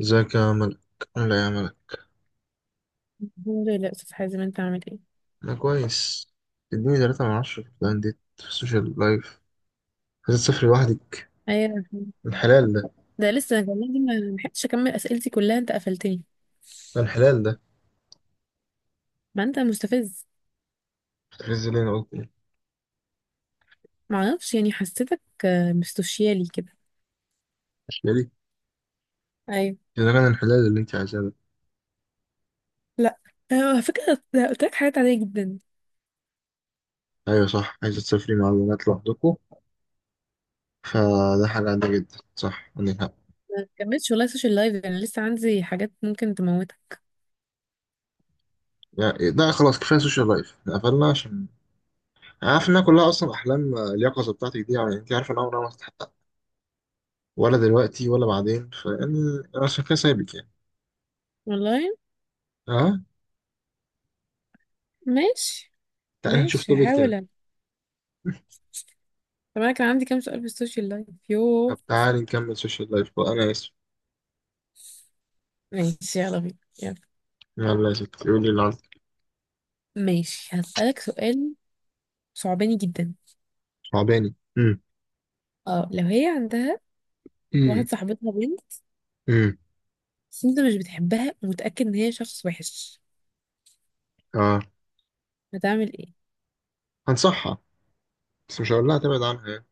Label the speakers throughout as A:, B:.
A: ازيك يا ملك؟ لا يا ملك.
B: الحمد لله، استاذ حازم، انت عامل ايه؟
A: انا كويس. اديني 3 من 10 في الانديت في السوشيال لايف. عايز تسافر لوحدك؟
B: ايوه، الحمد لله.
A: الحلال ده.
B: ده لسه أنا والله، دي ما لحقتش اكمل اسئلتي كلها، انت قفلتني.
A: الحلال ده.
B: ما انت مستفز.
A: هتحرز لي انا قلت ايه؟
B: ما اعرفش، يعني حسيتك مستوشيالي كده.
A: مش ليه؟
B: ايوه.
A: اذا كان الحلال اللي انت عايزاه ده.
B: لا. على فكره ده قلت لك حاجات عاديه جدا.
A: ايوه صح، عايزه تسافري مع البنات لوحدكم، فده حاجه عاديه جدا، صح، عندك حق.
B: ما كملتش والله، سوشيال لايف انا لسه عندي حاجات ممكن تموتك.
A: يعني ده خلاص، كفايه سوشيال لايف، احنا قفلنا، عشان عارف انها كلها اصلا احلام، اليقظه بتاعتك دي، يعني انت عارفه ان عمرها ما هتتحقق، ولا دلوقتي ولا بعدين، فيعني أنا عشان كده سايبك يعني.
B: والله.
A: اه،
B: ماشي.
A: تعالى نشوف
B: ماشي
A: توبيك
B: هحاول
A: تاني.
B: أنا. طب انا كان عندي كام سؤال في السوشيال لايف، يوه.
A: طب تعالي نكمل سوشيال لايف بقى، انا اسف.
B: ماشي يلا بينا. يلا.
A: يلا يا ستي قولي اللي عندك.
B: ماشي هسألك سؤال. صعباني جدا.
A: صعباني. امم.
B: اه، لو هي عندها
A: امم.
B: واحد صاحبتها بنت،
A: امم.
B: بس انت مش بتحبها ومتأكد ان هي شخص وحش،
A: اه.
B: هتعمل ايه؟
A: هنصحها، بس مش هقول لها تبعد عنها يعني،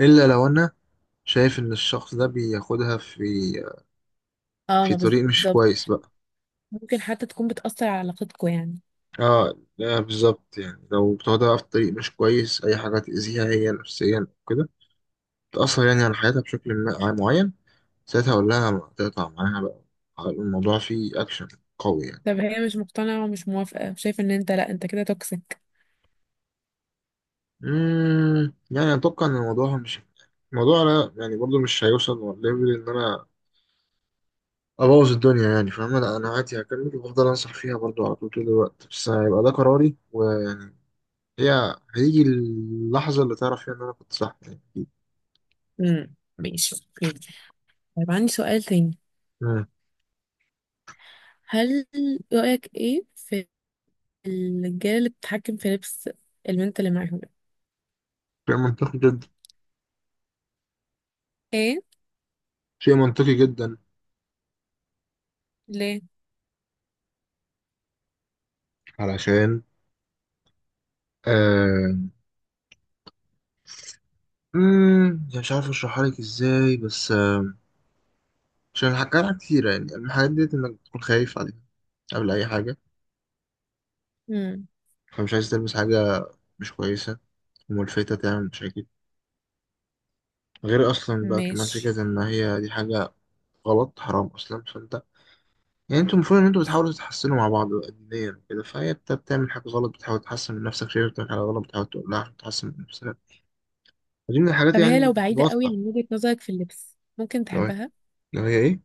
A: الا لو انا شايف ان الشخص ده بياخدها في
B: اه،
A: في
B: ما
A: طريق مش
B: بالظبط.
A: كويس بقى.
B: ممكن حتى تكون بتأثر على علاقتكوا يعني.
A: اه، لا بالظبط، يعني لو بتاخدها في طريق مش كويس، اي حاجه تاذيها هي نفسيا كده، تاثر يعني على حياتها بشكل معين، ساعتها اقول لها تقطع معاها بقى. الموضوع فيه اكشن قوي يعني.
B: طب هي مش مقتنعة ومش موافقة وشايفة ان انت، لا انت كده توكسيك.
A: يعني اتوقع ان الموضوع مش، الموضوع، لا يعني برضو مش هيوصل ليفل ان انا ابوظ الدنيا، يعني فاهم، لا انا عادي هكمل وهفضل انصح فيها برضو على طول، طول الوقت، بس هيبقى ده قراري، ويعني هي هيجي اللحظه اللي تعرف فيها ان انا كنت صح يعني أكيد.
B: امم، ماشي اوكي. طيب عندي سؤال تاني.
A: مم.
B: هل رأيك ايه في الرجالة اللي بتتحكم في لبس البنت اللي معاهم؟
A: شيء منطقي جدا.
B: ايه؟
A: شيء منطقي جدا.
B: ليه؟
A: علشان آه... يعني مش عارف اشرحها لك ازاي بس عشان حكى لها كتير، يعني الحاجات ديت انك تكون خايف عليها قبل اي حاجه،
B: امم،
A: فمش عايز تلمس حاجه مش كويسه وملفتة تعمل مشاكل، غير أصلا بقى كمان
B: ماشي.
A: فكرة إن هي دي حاجة غلط حرام أصلا، فأنت يعني أنتوا المفروض إن أنتوا بتحاولوا تتحسنوا مع بعض دينيا وكده، فهي، أنت بتعمل حاجة غلط بتحاول تحسن من نفسك، شايف بتعمل حاجة غلط بتحاول تقولها عشان تحسن من نفسك، ودي من الحاجات
B: طب هي لو
A: يعني
B: بعيدة قوي عن
A: الواضحة.
B: وجهة نظرك في اللبس، ممكن
A: لو هي
B: تحبها؟
A: لو هي إيه؟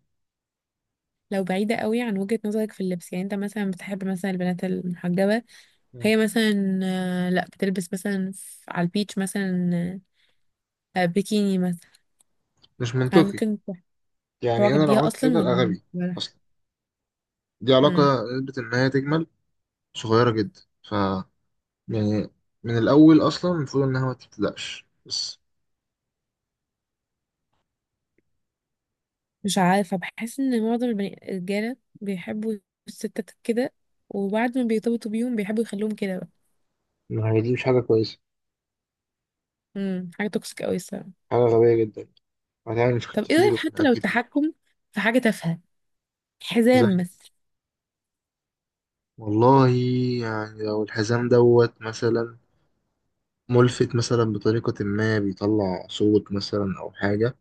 B: لو بعيدة قوي عن وجهة نظرك في اللبس، يعني انت مثلا بتحب مثلا البنات المحجبة.
A: مم.
B: هي مثلا لا بتلبس مثلا على البيتش مثلا، بيكيني مثلا.
A: مش
B: هل
A: منطقي،
B: ممكن ت-
A: يعني أنا
B: تعجب
A: لو
B: بيها
A: عملت
B: اصلا
A: كده أبقى
B: ولا
A: غبي.
B: ولا
A: أصلا دي علاقة،
B: مم.
A: نسبة إن هي تجمل صغيرة جدا، ف يعني من الأول أصلا المفروض إنها ما تبتدأش بس.
B: مش عارفه، بحس ان معظم الرجاله بيحبوا الستات كده، وبعد ما بيرتبطوا بيهم بيحبوا يخلوهم كده بقى.
A: ما هي دي مش حاجة كويسة،
B: مم. حاجه توكسيك قوي الصراحه.
A: حاجة غبية جدا، هتعمل مشاكل
B: طب ايه
A: كتير
B: رايك حتى
A: وخناقات
B: لو
A: كتير.
B: التحكم في حاجه تافهه،
A: زي،
B: حزام مثلا؟
A: والله، يعني لو الحزام دوت مثلا ملفت مثلا بطريقة، ما بيطلع صوت مثلا أو حاجة،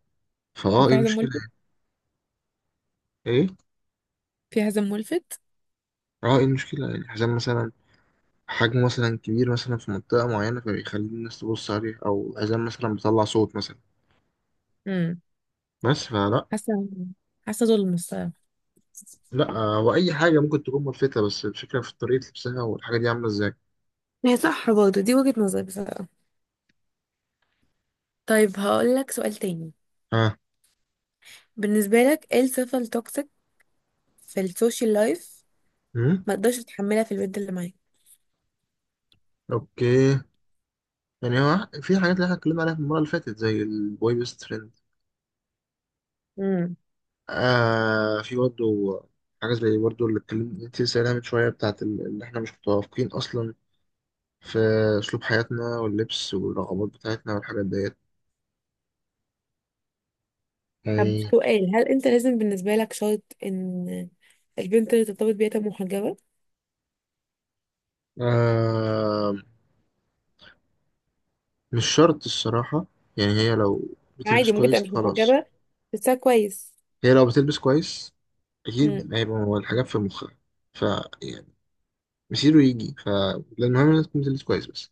B: هو
A: فأه إيه
B: في حزام
A: المشكلة؟
B: ملفت؟
A: إيه؟
B: في حزام ملفت.
A: أه، إيه المشكلة؟ يعني الحزام مثلا حجمه مثلا كبير مثلا في منطقة معينة فبيخلي الناس تبص عليه، أو الحزام مثلا بيطلع صوت مثلا.
B: مم.
A: بس فلا.
B: حاسه حاسه ظلم الصراحه.
A: لا، وأي حاجة ممكن تكون ملفتة، بس الفكرة في طريقة لبسها، والحاجة دي عاملة إزاي.
B: هي صح برضه، دي وجهة نظري بصراحة. طيب هقول لك سؤال تاني.
A: ها؟
B: بالنسبة لك ايه الصفة التوكسيك في السوشيال لايف
A: أمم؟
B: ما تقدرش تتحملها في البنت اللي معاك؟
A: أوكي. يعني هو في حاجات اللي احنا اتكلمنا عليها في المرة اللي فاتت زي البوي بيست فريند.
B: امم.
A: آه، في برضه حاجة زي برضه اللي اتكلمت انت لسه قايلها من شوية، بتاعت اللي احنا مش متوافقين أصلا في أسلوب حياتنا واللبس والرغبات بتاعتنا والحاجات ديت
B: طب
A: يعني.
B: سؤال، هل انت لازم بالنسبة لك شرط ان البنت اللي ترتبط بيها تبقى محجبة؟
A: آه، مش شرط الصراحة، يعني هي لو بتلبس
B: عادي ممكن تبقى
A: كويس
B: مش
A: خلاص.
B: محجبة بس كويس؟
A: هي لو بتلبس كويس
B: امم،
A: أكيد هيبقى هو الحاجات في مخها، ف يعني مسيره يجي، ف المهم إنها تكون بتلبس كويس بس.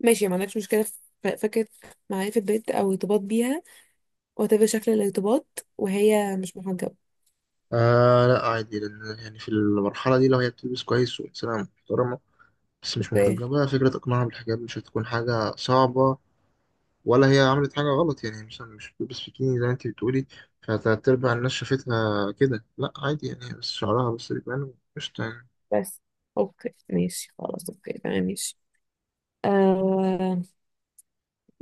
B: ماشي. ما عندكش مشكلة في فكرة معرفة بنت او ارتباط بيها وتبقى شكل الارتباط وهي مش محجبة؟
A: آه لا عادي، لأن يعني في المرحلة دي لو هي بتلبس كويس وإنسانة محترمة، بس مش
B: اوكي
A: محرجة بقى، فكرة إقناعها بالحجاب مش هتكون حاجة صعبة، ولا هي عملت حاجة غلط، يعني مثلا مش بتلبس بيكيني زي ما أنت بتقولي، فتلات أرباع الناس شافتها كده، لأ عادي، يعني هي بس شعرها بس بيبان، قشطة يعني.
B: بس. اوكي ماشي، خلاص اوكي تمام ماشي. آه.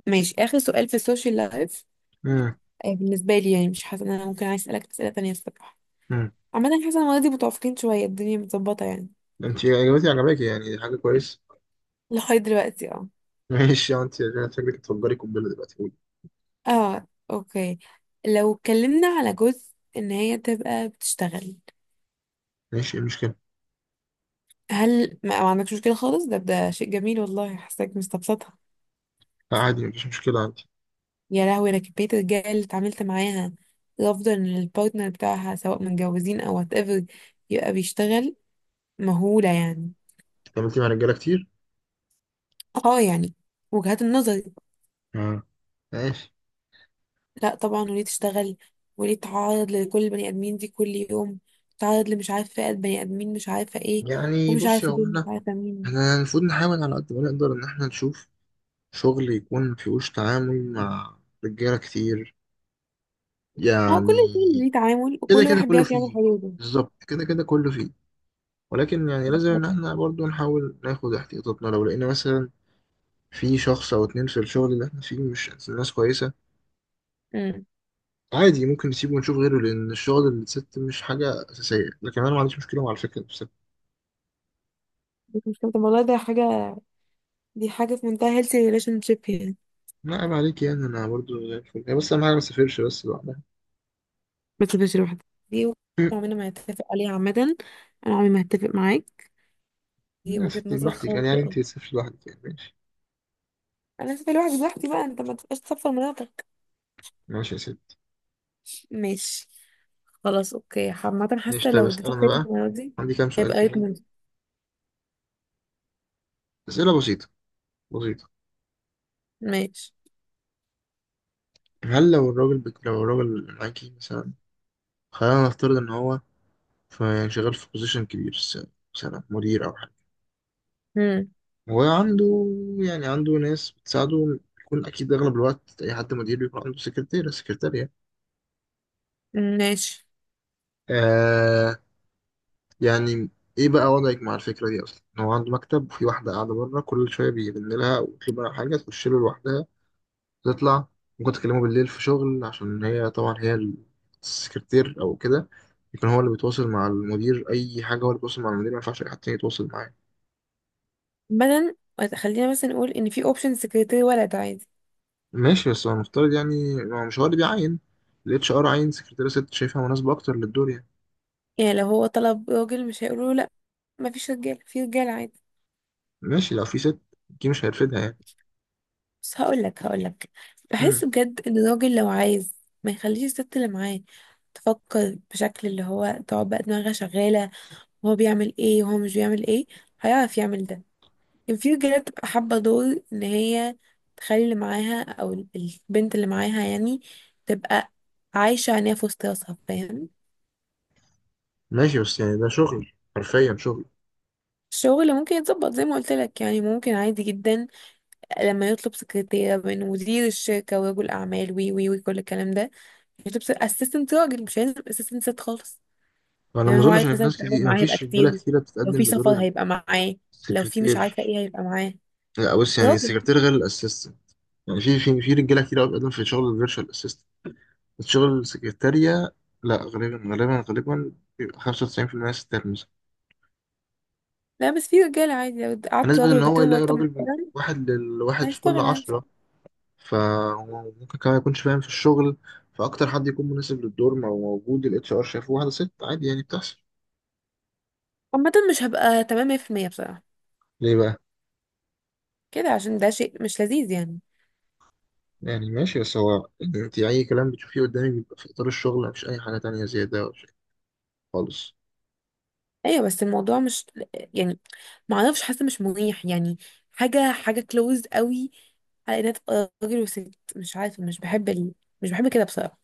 B: ماشي، اخر سؤال في السوشيال لايف.
A: مم.
B: بالنسبة لي يعني مش حاسة إن أنا ممكن عايز أسألك أسئلة تانية الصراحة.
A: مم.
B: عامة حاسة إن ولادي متوافقين شوية، الدنيا متظبطة يعني.
A: أنت إجابتي عجباكي، يعني دي حاجة كويسة.
B: لغاية دلوقتي اه.
A: ماشي يا أنت، أنا فاكرك تفجري قنبلة دلوقتي، قولي.
B: اه، اوكي. لو اتكلمنا على جزء إن هي تبقى بتشتغل؟
A: ماشي، إيه المشكلة؟
B: هل ما عندكش مشكلة خالص؟ ده شيء جميل والله، حاساك مستبسطها.
A: لأ عادي مفيش مشكلة أنت.
B: يا لهوي، أنا كمية الرجالة اللي اتعاملت معاها، الأفضل إن البارتنر بتاعها سواء متجوزين أو وات ايفر يبقى بيشتغل، مهولة يعني.
A: اتعاملتي مع رجالة كتير؟
B: اه يعني، وجهات النظر.
A: مم. ماشي.
B: لا طبعا، وليه تشتغل؟ وليه تتعرض لكل البني ادمين دي كل يوم؟ تتعرض لمش عارفه فئه بني ادمين مش عارفه ايه،
A: يعني
B: ومش
A: بصي يا
B: عارفه
A: هو
B: دول مش
A: احنا،
B: عارفه مين.
A: احنا المفروض نحاول على قد ما نقدر إن احنا نشوف شغل يكون مفيهوش تعامل مع رجالة كتير
B: هو كل
A: يعني.
B: الفيلم ليه تعامل
A: كده
B: وكل
A: كده
B: واحد
A: كله
B: بيعرف يعمل
A: فيه.
B: حلوله.
A: بالظبط، كده كده كله فيه، ولكن يعني لازم إن احنا برضو نحاول ناخد احتياطاتنا، لو لقينا مثلا في شخص أو اتنين في الشغل اللي احنا فيه مش ناس كويسة،
B: امم.
A: عادي ممكن نسيبه ونشوف غيره، لأن الشغل اللي ست مش حاجة أساسية، لكن أنا ما عنديش مشكلة مع الفكرة بس.
B: بس مش كده والله، ده حاجه، دي حاجه في منتهى هيلثي ريليشن شيب يعني.
A: لا عيب عليك، يعني أنا برضو زي الفل، هي بس أهم حاجة ما تسافرش بس لوحدها.
B: ما تسيبهاش لوحدها؟ دي وجهة نظر عمرنا ما هتفق عليها عامه. انا عمري ما هتفق معاك، دي
A: يا
B: وجهه
A: ستي
B: نظر
A: براحتك، يعني
B: خاطئه.
A: أنت تسافري لوحدك، يعني ماشي.
B: انا هسيب الواحد لوحدي بقى، انت ما تبقاش تصفر مناطق.
A: ماشي يا ستي.
B: ماشي. خلاص اوكي، عامة
A: ماشي
B: حاسة
A: طيب،
B: لو
A: اسأل
B: اديتك
A: أنا
B: ريت
A: بقى.
B: المرة دي
A: عندي كام سؤال
B: هيبقى ريت
A: كده،
B: منزل.
A: أسئلة بسيطة، بسيطة.
B: ماشي.
A: هل لو الراجل اللي معاكي مثلا، خلينا نفترض إن هو يعني شغال في بوزيشن كبير، مثلا مدير أو حاجة،
B: مم.
A: وعنده، يعني عنده ناس بتساعده، بيكون أكيد أغلب الوقت أي حد مدير بيكون عنده سكرتيرة سكرتارية.
B: ماشي.
A: آه يعني إيه بقى وضعك مع الفكرة دي أصلا؟ إن هو عنده مكتب، وفي واحدة قاعدة بره كل شوية بيرن لها ويطلب منها حاجة تخش له لوحدها، تطلع، ممكن تكلمه بالليل في شغل، عشان هي السكرتير أو كده، يكون هو اللي بيتواصل مع المدير، أي حاجة هو اللي بيتواصل مع المدير، ما ينفعش أي حد تاني يتواصل معاه.
B: مثلا، خلينا مثلا نقول ان في اوبشن سكرتير ولد عادي؟
A: ماشي بس هو المفترض، يعني ما هو مش هو اللي بيعين، ال HR عين سكرتيرة ست شايفها مناسبة أكتر للدور يعني.
B: يعني لو هو طلب راجل مش هيقولوا له لا مفيش رجاله، في رجاله عادي.
A: ماشي لو في ست، دي مش هيرفدها يعني.
B: بس هقول لك، بحس
A: مم.
B: بجد ان الراجل لو عايز ما يخليش الست اللي معاه تفكر بشكل اللي هو تقعد بقى دماغها شغاله، وهو بيعمل ايه وهو مش بيعمل ايه، هيعرف يعمل ده. كان في رجالة بتبقى حابة دور إن هي تخلي اللي معاها أو البنت اللي معاها يعني، تبقى عايشة عينيها في وسط راسها فاهم.
A: ماشي بس يعني ده شغل، حرفيا شغل.
B: الشغل ممكن يتظبط زي ما قلت لك، يعني ممكن عادي جدا. لما يطلب سكرتيرة من مدير الشركة ورجل أعمال وي وي وكل الكلام ده، يطلب اسيستنت راجل، مش هيلزم اسيستنت ست خالص.
A: فأنا ما
B: لأن هو
A: أظنش
B: عارف
A: إن في
B: مثلا
A: ناس
B: التعاون
A: كتير، ما
B: معاه هيبقى
A: فيش رجالة
B: كتير،
A: كتيرة
B: لو
A: بتتقدم
B: في سفر
A: بدور
B: هيبقى معاه، لو في مش عارفة
A: السكرتير.
B: ايه هيبقى معاه
A: لا بص، يعني
B: راجل.
A: السكرتير غير الأسيستنت. يعني في رجالة كتير قوي بتقدم في شغل الفيرتشوال، الشغل السكرتارية، لا غالبا غالبا غالبا بيبقى 95% ستات مثلا.
B: لا بس في رجالة عادي، لو قعدت
A: فنسبة
B: راجل
A: إن
B: وجبت
A: هو
B: له
A: يلاقي
B: مرتب
A: راجل من
B: محترم
A: واحد لواحد في كل
B: هيشتغل عادي.
A: 10، فهو ممكن كمان يكونش فاهم في الشغل، فأكتر حد يكون مناسب للدور ما هو موجود، ال HR شايفه واحدة ست، عادي يعني، بتحصل.
B: عامة مش هبقى تمام 100% بصراحة
A: ليه بقى؟
B: كده، عشان ده شيء مش لذيذ يعني.
A: يعني ماشي بس هو أنت أي كلام بتشوفيه قدامك بيبقى في إطار الشغل، مفيش أي حاجة تانية زيادة ولا شيء خالص.
B: ايوه بس الموضوع مش، يعني ما اعرفش، حاسة مش مريح يعني. حاجة حاجة كلوز قوي على انها تبقى راجل وست، مش عارفة مش بحب ال، مش بحب كده بصراحة.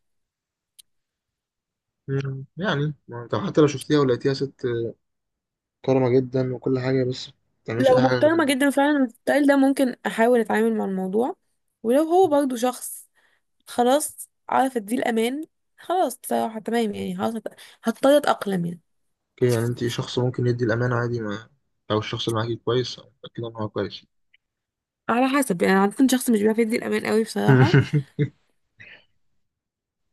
A: يعني ما أنت حتى لو شفتيها ولقيتيها ست كرمة جدا وكل حاجة، بس ما بتعملش
B: لو
A: أي حاجة غير
B: محترمة
A: إنها.
B: جدا فعلا الستايل ده ممكن احاول اتعامل مع الموضوع، ولو هو برضو شخص خلاص عارف اديه الامان، خلاص بصراحة تمام يعني، خلاص هضطر اتأقلم يعني.
A: اوكي، يعني انت شخص ممكن يدي الامانه، عادي ما او الشخص اللي معاكي كويس، أو متاكده ان هو كويس.
B: على حسب يعني، عادة شخص مش بيعرف يدي الامان قوي بصراحة.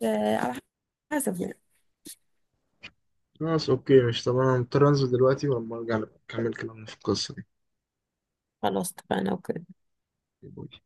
B: على حسب يعني.
A: خلاص اوكي، مش، طب انا مضطر انزل دلوقتي، ولما ارجع نبقى نكمل كلامنا في القصه دي.
B: خلاص اتفقنا اوكي.
A: باي.